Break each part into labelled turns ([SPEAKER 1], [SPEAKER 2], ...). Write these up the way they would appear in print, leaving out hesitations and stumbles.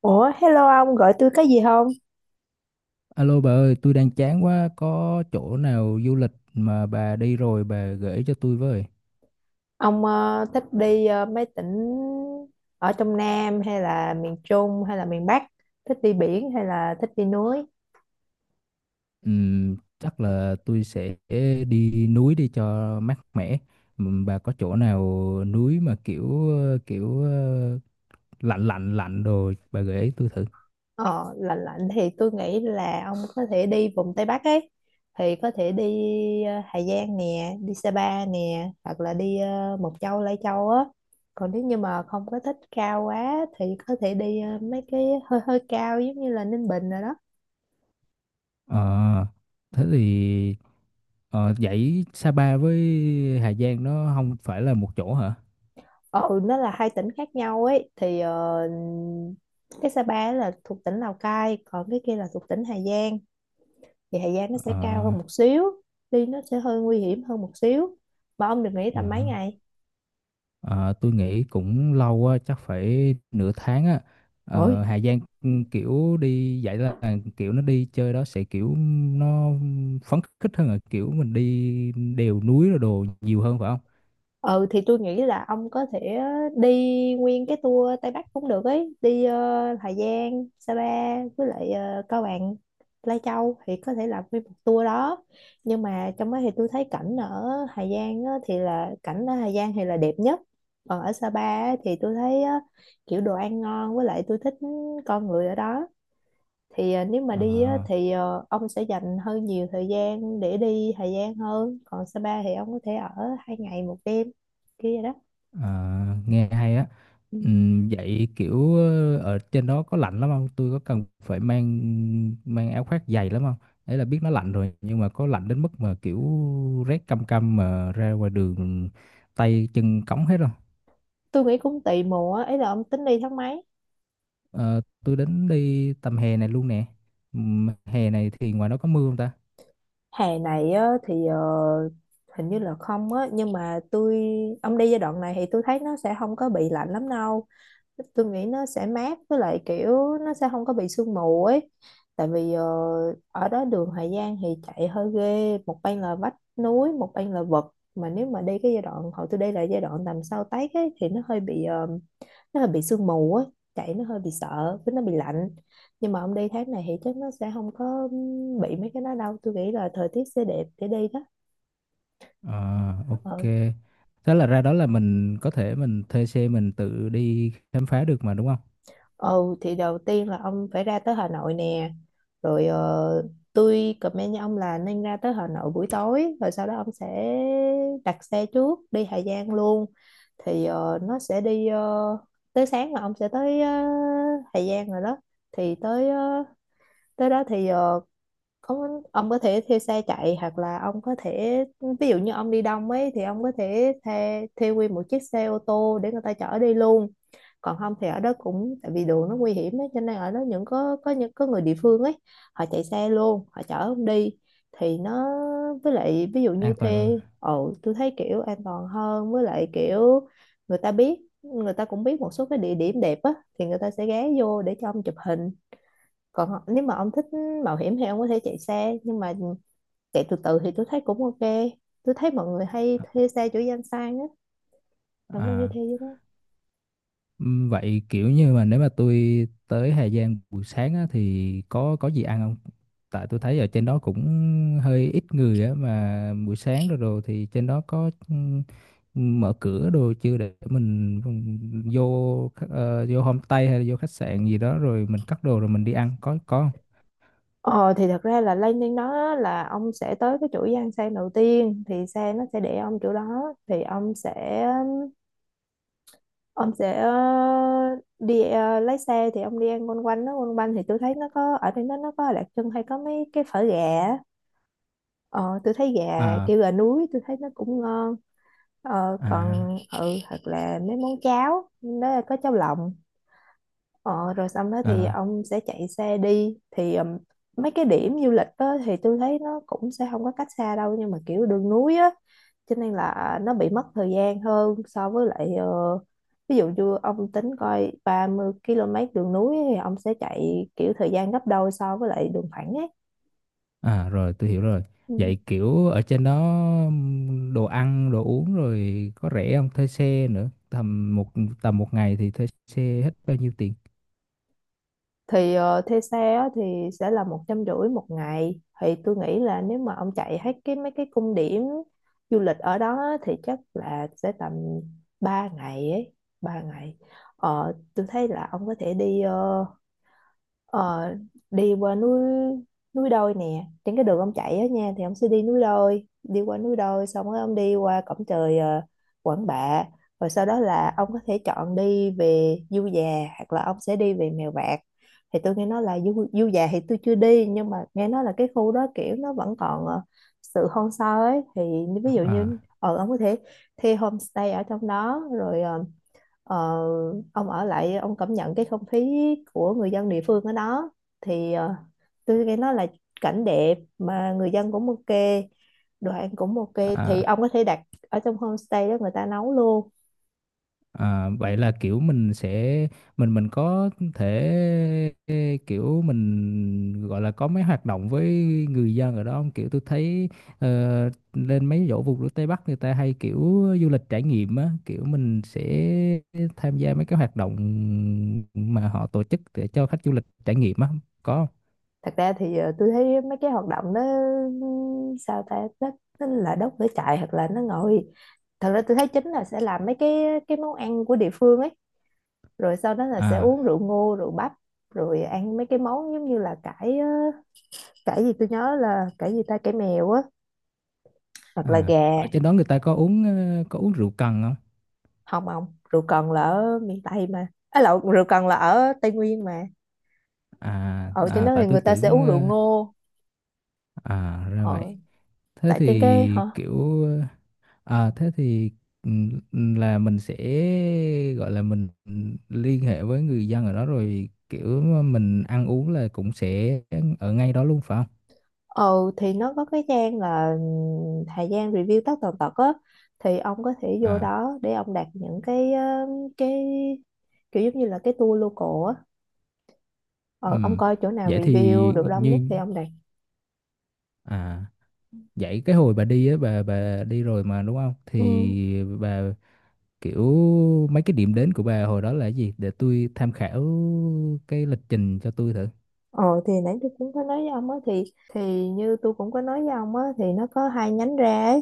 [SPEAKER 1] Ủa, hello ông, gọi tôi có gì không?
[SPEAKER 2] Alo bà ơi, tôi đang chán quá, có chỗ nào du lịch mà bà đi rồi bà gửi cho tôi với.
[SPEAKER 1] Ông thích đi mấy tỉnh ở trong Nam hay là miền Trung hay là miền Bắc? Thích đi biển hay là thích đi núi?
[SPEAKER 2] Chắc là tôi sẽ đi núi đi cho mát mẻ. Bà có chỗ nào núi mà kiểu kiểu lạnh lạnh lạnh đồ bà gửi tôi thử.
[SPEAKER 1] Ờ, lạnh lạnh thì tôi nghĩ là ông có thể đi vùng Tây Bắc ấy. Thì có thể đi Hà Giang nè, đi Sapa nè, hoặc là đi Mộc Châu, Lai Châu á. Còn nếu như mà không có thích cao quá thì có thể đi mấy cái hơi hơi cao giống như là Ninh Bình rồi đó.
[SPEAKER 2] Ờ, thế thì vậy Sapa với Hà Giang nó không phải là một chỗ hả?
[SPEAKER 1] Ừ, nó là hai tỉnh khác nhau ấy. Thì cái Sapa ấy là thuộc tỉnh Lào Cai, còn cái kia là thuộc tỉnh Hà Giang. Thì Hà Giang nó sẽ
[SPEAKER 2] Ờ,
[SPEAKER 1] cao hơn một xíu, đi nó sẽ hơi nguy hiểm hơn một xíu. Mà ông được nghỉ
[SPEAKER 2] ờ.
[SPEAKER 1] tầm mấy ngày?
[SPEAKER 2] Ờ, tôi nghĩ cũng lâu á, chắc phải nửa tháng á. Ờ,
[SPEAKER 1] Ôi,
[SPEAKER 2] Hà Giang kiểu đi vậy là kiểu nó đi chơi đó sẽ kiểu nó phấn khích hơn là kiểu mình đi đèo núi rồi đồ nhiều hơn phải không?
[SPEAKER 1] ừ thì tôi nghĩ là ông có thể đi nguyên cái tour Tây Bắc cũng được ấy, đi Hà Giang Sa Pa với lại Cao Bằng Lai Châu, thì có thể làm nguyên một tour đó. Nhưng mà trong đó thì tôi thấy cảnh ở Hà Giang á, thì là cảnh ở Hà Giang thì là đẹp nhất. Còn ở Sa Pa á thì tôi thấy á, kiểu đồ ăn ngon với lại tôi thích con người ở đó. Thì nếu mà
[SPEAKER 2] Ờ,
[SPEAKER 1] đi á, thì ông sẽ dành hơi nhiều thời gian để đi Hà Giang hơn, còn Sapa thì ông có thể ở 2 ngày 1 đêm kia vậy đó.
[SPEAKER 2] ờ, nghe hay á.
[SPEAKER 1] Ừ.
[SPEAKER 2] Vậy kiểu ở trên đó có lạnh lắm không? Tôi có cần phải mang mang áo khoác dày lắm không? Đấy là biết nó lạnh rồi, nhưng mà có lạnh đến mức mà kiểu rét căm căm mà ra ngoài đường tay chân cống hết không?
[SPEAKER 1] Tôi nghĩ cũng tùy mùa á, ý là ông tính đi tháng mấy?
[SPEAKER 2] Ờ, tôi đến đi tầm hè này luôn nè. Hè này thì ngoài đó có mưa không ta?
[SPEAKER 1] Hè này á, thì hình như là không á, nhưng mà ông đi giai đoạn này thì tôi thấy nó sẽ không có bị lạnh lắm đâu. Tôi nghĩ nó sẽ mát, với lại kiểu nó sẽ không có bị sương mù ấy. Tại vì ở đó đường Hà Giang thì chạy hơi ghê, một bên là vách núi, một bên là vực. Mà nếu mà đi cái giai đoạn hồi tôi đi là giai đoạn tầm sau Tết ấy thì nó hơi bị sương mù ấy, chạy nó hơi bị sợ với nó bị lạnh. Nhưng mà ông đi tháng này thì chắc nó sẽ không có bị mấy cái đó đâu, tôi nghĩ là thời tiết sẽ đẹp để đi đó.
[SPEAKER 2] Ờ, ok.
[SPEAKER 1] Ừ.
[SPEAKER 2] Thế là ra đó là mình có thể mình thuê xe mình tự đi khám phá được mà đúng không?
[SPEAKER 1] Ừ thì đầu tiên là ông phải ra tới Hà Nội nè. Rồi tôi comment với ông là nên ra tới Hà Nội buổi tối. Rồi sau đó ông sẽ đặt xe trước đi Hà Giang luôn. Thì nó sẽ đi tới sáng là ông sẽ tới Hà Giang rồi đó. Thì tới đó thì ông có thể thuê xe chạy, hoặc là ông có thể, ví dụ như ông đi đông ấy, thì ông có thể thuê thuê nguyên một chiếc xe ô tô để người ta chở đi luôn. Còn không thì ở đó, cũng tại vì đường nó nguy hiểm ấy, cho nên ở đó những có những có người địa phương ấy, họ chạy xe luôn, họ chở ông đi. Thì nó, với lại ví dụ như
[SPEAKER 2] An toàn hơn.
[SPEAKER 1] thuê. Ồ, tôi thấy kiểu an toàn hơn, với lại kiểu người ta cũng biết một số cái địa điểm đẹp á, thì người ta sẽ ghé vô để cho ông chụp hình. Còn nếu mà ông thích mạo hiểm thì ông có thể chạy xe, nhưng mà chạy từ từ thì tôi thấy cũng ok. Tôi thấy mọi người hay thuê xe chỗ Giang Sang á, ông có thể
[SPEAKER 2] À.
[SPEAKER 1] thuê với đó.
[SPEAKER 2] Vậy kiểu như mà nếu mà tôi tới Hà Giang buổi sáng á, thì có gì ăn không? Tại tôi thấy ở trên đó cũng hơi ít người á, mà buổi sáng rồi rồi thì trên đó có mở cửa đồ chưa, để mình vô vô homestay hay là vô khách sạn gì đó rồi mình cắt đồ rồi mình đi ăn có không?
[SPEAKER 1] Ờ thì thật ra là landing đó là ông sẽ tới cái chỗ Giang Sang đầu tiên, thì xe nó sẽ để ông chỗ đó, thì ông sẽ đi lái xe, thì ông đi ăn quanh quanh nó quanh quanh. Thì tôi thấy nó có ở trên đó nó có Lạc Chân hay có mấy cái phở gà á. Ờ tôi thấy gà
[SPEAKER 2] À,
[SPEAKER 1] kêu gà núi tôi thấy nó cũng ngon.
[SPEAKER 2] à,
[SPEAKER 1] Còn thật là mấy món cháo đó là có cháo lòng. Ờ, Rồi xong đó thì
[SPEAKER 2] à.
[SPEAKER 1] ông sẽ chạy xe đi, thì mấy cái điểm du lịch đó thì tôi thấy nó cũng sẽ không có cách xa đâu, nhưng mà kiểu đường núi á, cho nên là nó bị mất thời gian hơn so với lại ví dụ như ông tính coi 30 km đường núi thì ông sẽ chạy kiểu thời gian gấp đôi so với lại đường thẳng ấy.
[SPEAKER 2] À, rồi tôi hiểu rồi.
[SPEAKER 1] Ừ.
[SPEAKER 2] Vậy kiểu ở trên đó đồ ăn, đồ uống rồi có rẻ không? Thuê xe nữa. Tầm một ngày thì thuê xe hết bao nhiêu tiền?
[SPEAKER 1] Thì thuê xe á, thì sẽ là 150 một ngày. Thì tôi nghĩ là nếu mà ông chạy hết cái mấy cái cung điểm du lịch ở đó á, thì chắc là sẽ tầm 3 ngày ấy 3 ngày. Tôi thấy là ông có thể đi Ờ, đi qua núi, núi đôi nè, trên cái đường ông chạy á nha thì ông sẽ đi núi đôi, đi qua núi đôi, xong rồi ông đi qua cổng trời Quảng Bạ. Rồi sau đó là ông có thể chọn đi về Du Già, hoặc là ông sẽ đi về Mèo Vạc. Thì tôi nghe nói là Du Già thì tôi chưa đi, nhưng mà nghe nói là cái khu đó kiểu nó vẫn còn sự hoang sơ ấy. Thì ví dụ như
[SPEAKER 2] À,
[SPEAKER 1] ông có thể thuê homestay ở trong đó, rồi Ờ, ông ở lại ông cảm nhận cái không khí của người dân địa phương ở đó. Thì tôi nghe nói là cảnh đẹp mà người dân cũng ok, đồ ăn cũng ok. Thì
[SPEAKER 2] à.
[SPEAKER 1] ông có thể đặt ở trong homestay đó người ta nấu luôn.
[SPEAKER 2] À, vậy là kiểu mình có thể kiểu mình gọi là có mấy hoạt động với người dân ở đó không? Kiểu tôi thấy lên mấy chỗ vùng đất Tây Bắc người ta hay kiểu du lịch trải nghiệm á, kiểu mình sẽ tham gia mấy cái hoạt động mà họ tổ chức để cho khách du lịch trải nghiệm á, có không?
[SPEAKER 1] Thật ra thì tôi thấy mấy cái hoạt động đó, sao ta, nó là đốt lửa trại hoặc là nó ngồi. Thật ra tôi thấy chính là sẽ làm mấy cái món ăn của địa phương ấy. Rồi sau đó là sẽ
[SPEAKER 2] À,
[SPEAKER 1] uống rượu ngô rượu bắp, rồi ăn mấy cái món giống như là cải. Cải gì, tôi nhớ là cải gì ta, cải mèo á, hoặc là
[SPEAKER 2] à,
[SPEAKER 1] gà.
[SPEAKER 2] ở trên đó người ta có uống có uống rượu cần không?
[SPEAKER 1] Không ông, rượu cần là ở miền Tây mà, à lộn, rượu cần là ở Tây Nguyên mà.
[SPEAKER 2] À,
[SPEAKER 1] Ở trên
[SPEAKER 2] à,
[SPEAKER 1] đó
[SPEAKER 2] tại
[SPEAKER 1] thì
[SPEAKER 2] tôi
[SPEAKER 1] người ta sẽ uống
[SPEAKER 2] tưởng
[SPEAKER 1] rượu
[SPEAKER 2] ờ,
[SPEAKER 1] ngô.
[SPEAKER 2] À ra vậy.
[SPEAKER 1] ờ,
[SPEAKER 2] Thế
[SPEAKER 1] Tại trên cái
[SPEAKER 2] thì
[SPEAKER 1] hả.
[SPEAKER 2] kiểu thế thì là mình sẽ gọi là mình liên hệ với người dân ở đó rồi kiểu mình ăn uống là cũng sẽ ở ngay đó luôn phải không?
[SPEAKER 1] Ờ thì nó có cái trang là thời gian review tất tần tật á, thì ông có thể vô
[SPEAKER 2] À
[SPEAKER 1] đó để ông đặt những cái cái kiểu giống như là cái tour local á. Ờ, ông
[SPEAKER 2] ừm.
[SPEAKER 1] coi chỗ nào
[SPEAKER 2] Vậy
[SPEAKER 1] review
[SPEAKER 2] thì
[SPEAKER 1] được đông nhất
[SPEAKER 2] như
[SPEAKER 1] thì ông đặt.
[SPEAKER 2] à vậy cái hồi bà đi á, bà đi rồi mà đúng không?
[SPEAKER 1] Ừ.
[SPEAKER 2] Thì bà kiểu mấy cái điểm đến của bà hồi đó là cái gì để tôi tham khảo cái lịch trình cho tôi thử.
[SPEAKER 1] Ờ thì nãy tôi cũng có nói với ông á, thì như tôi cũng có nói với ông á, thì nó có hai nhánh ra ấy.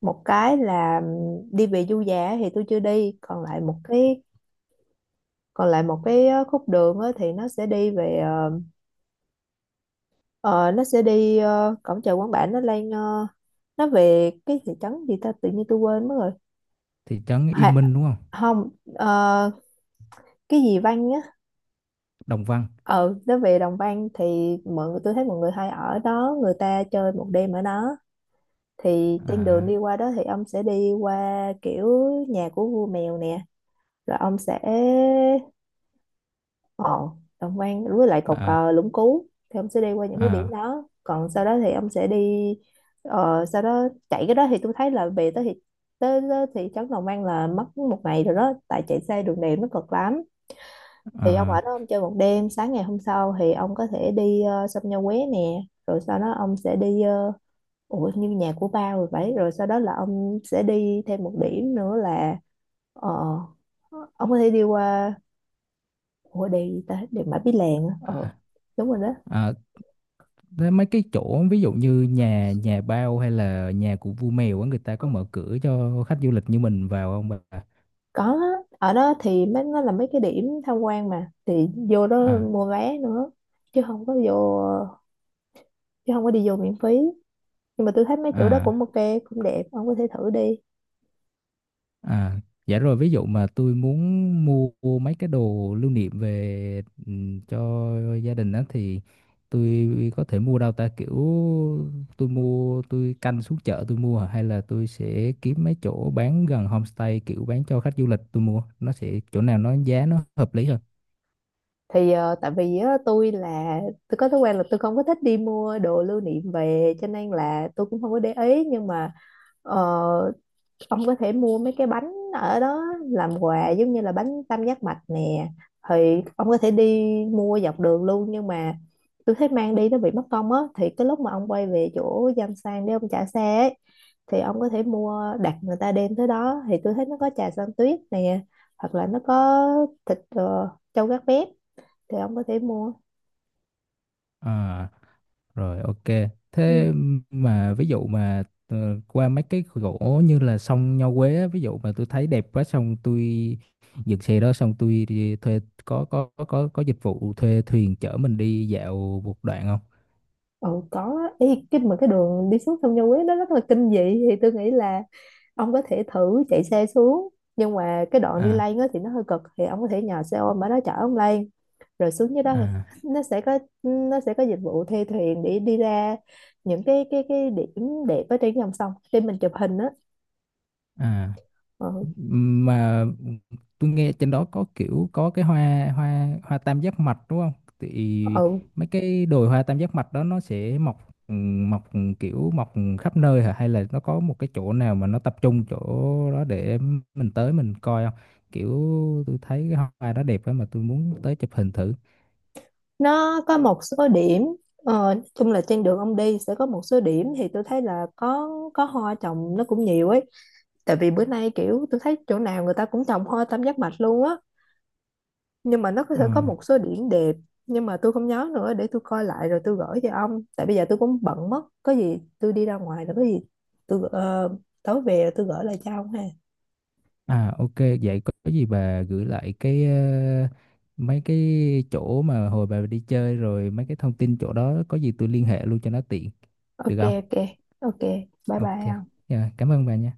[SPEAKER 1] Một cái là đi về du giả thì tôi chưa đi, còn lại một cái khúc đường á thì nó sẽ đi về ờ, ờ, nó sẽ đi ờ, cổng chợ Quán Bản, nó lên nó về cái thị trấn gì ta, tự nhiên tôi quên mất rồi.
[SPEAKER 2] Thị trấn Yên
[SPEAKER 1] Hà,
[SPEAKER 2] Minh đúng không?
[SPEAKER 1] không, ờ, cái gì Văn á.
[SPEAKER 2] Đồng Văn.
[SPEAKER 1] Ờ nó về Đồng Văn thì mọi người tôi thấy mọi người hay ở đó, người ta chơi một đêm ở đó. Thì trên đường
[SPEAKER 2] À,
[SPEAKER 1] đi qua đó thì ông sẽ đi qua kiểu nhà của vua mèo nè, rồi ông sẽ, ồ, đồng quan với lại cột
[SPEAKER 2] à,
[SPEAKER 1] cờ Lũng Cú, thì ông sẽ đi qua những cái điểm
[SPEAKER 2] à,
[SPEAKER 1] đó. Còn sau đó thì ông sẽ đi sau đó chạy cái đó thì tôi thấy là về tới thì tới thị trấn Đồng An là mất một ngày rồi đó, tại chạy xe đường đèo nó cực lắm. Thì ông ở
[SPEAKER 2] à,
[SPEAKER 1] đó ông chơi một đêm, sáng ngày hôm sau thì ông có thể đi sông Nho Quế nè. Rồi sau đó ông sẽ đi Ủa như nhà của ba rồi vậy, rồi sau đó là ông sẽ đi thêm một điểm nữa là ờ, ông có thể đi qua, ủa đèo gì ta, đèo Mã Pí Lèng á. Ờ
[SPEAKER 2] à,
[SPEAKER 1] Đúng rồi đó.
[SPEAKER 2] à, thế mấy cái chỗ ví dụ như nhà nhà bao hay là nhà của vua mèo á, người ta có mở cửa cho khách du lịch như mình vào không bà?
[SPEAKER 1] Có á, ở đó thì mấy nó là mấy cái điểm tham quan mà, thì vô đó
[SPEAKER 2] À,
[SPEAKER 1] mua vé nữa, chứ không có vô chứ không có đi vô miễn phí. Nhưng mà tôi thấy mấy chỗ đó
[SPEAKER 2] à,
[SPEAKER 1] cũng ok, cũng đẹp, ông có thể thử đi.
[SPEAKER 2] à. Dạ rồi, ví dụ mà tôi muốn mua mấy cái đồ lưu niệm về cho gia đình á, thì tôi có thể mua đâu ta, kiểu tôi mua tôi canh xuống chợ tôi mua hả? Hay là tôi sẽ kiếm mấy chỗ bán gần homestay kiểu bán cho khách du lịch tôi mua, nó sẽ chỗ nào nó giá nó hợp lý hơn.
[SPEAKER 1] Thì tại vì á, tôi có thói quen là tôi không có thích đi mua đồ lưu niệm về, cho nên là tôi cũng không có để ý. Nhưng mà ờ, ông có thể mua mấy cái bánh ở đó làm quà, giống như là bánh tam giác mạch nè. Thì ông có thể đi mua dọc đường luôn, nhưng mà tôi thấy mang đi nó bị mất công á. Thì cái lúc mà ông quay về chỗ Giang Sang để ông trả xe ấy, thì ông có thể mua, đặt người ta đem tới đó. Thì tôi thấy nó có trà xanh tuyết nè, hoặc là nó có thịt trâu gác bếp, thì ông có thể mua.
[SPEAKER 2] À, rồi, ok.
[SPEAKER 1] Ừ.
[SPEAKER 2] Thế mà ví dụ mà qua mấy cái gỗ như là sông Nho Quế á, ví dụ mà tôi thấy đẹp quá, xong tôi dựng xe đó, xong tôi đi thuê có dịch vụ thuê thuyền chở mình đi dạo một đoạn không?
[SPEAKER 1] Ừ có á. Ý, cái đường đi xuống sông Nho Quế nó rất là kinh dị. Thì tôi nghĩ là ông có thể thử chạy xe xuống, nhưng mà cái đoạn đi
[SPEAKER 2] À,
[SPEAKER 1] lên á thì nó hơi cực, thì ông có thể nhờ xe ôm ở đó chở ông lên. Rồi xuống dưới đó thì
[SPEAKER 2] à,
[SPEAKER 1] nó sẽ có dịch vụ thuê thuyền để đi ra những cái điểm đẹp ở trên dòng sông để mình chụp hình á.
[SPEAKER 2] à,
[SPEAKER 1] Ừ.
[SPEAKER 2] mà tôi nghe trên đó có kiểu có cái hoa hoa hoa tam giác mạch đúng không, thì
[SPEAKER 1] Ừ
[SPEAKER 2] mấy cái đồi hoa tam giác mạch đó nó sẽ ừ, mọc kiểu mọc khắp nơi hả, hay là nó có một cái chỗ nào mà nó tập trung chỗ đó để mình tới mình coi không, kiểu tôi thấy cái hoa đó đẹp á mà tôi muốn tới chụp hình thử.
[SPEAKER 1] nó có một số điểm. Nói chung là trên đường ông đi sẽ có một số điểm, thì tôi thấy là có hoa trồng nó cũng nhiều ấy, tại vì bữa nay kiểu tôi thấy chỗ nào người ta cũng trồng hoa tam giác mạch luôn á. Nhưng mà sẽ có
[SPEAKER 2] À.
[SPEAKER 1] một số điểm đẹp. Nhưng mà tôi không nhớ nữa, để tôi coi lại rồi tôi gửi cho ông. Tại bây giờ tôi cũng bận mất, có gì tôi đi ra ngoài rồi có gì tôi gửi- ờ, tối về rồi tôi gửi lại cho ông ha.
[SPEAKER 2] À, ok, vậy có gì bà gửi lại cái mấy cái chỗ mà hồi bà đi chơi rồi, mấy cái thông tin chỗ đó, có gì tôi liên hệ luôn cho nó tiện được
[SPEAKER 1] Ok,
[SPEAKER 2] không?
[SPEAKER 1] ok, ok, bye
[SPEAKER 2] Ok.
[SPEAKER 1] bye ông.
[SPEAKER 2] Dạ, cảm ơn bà nha.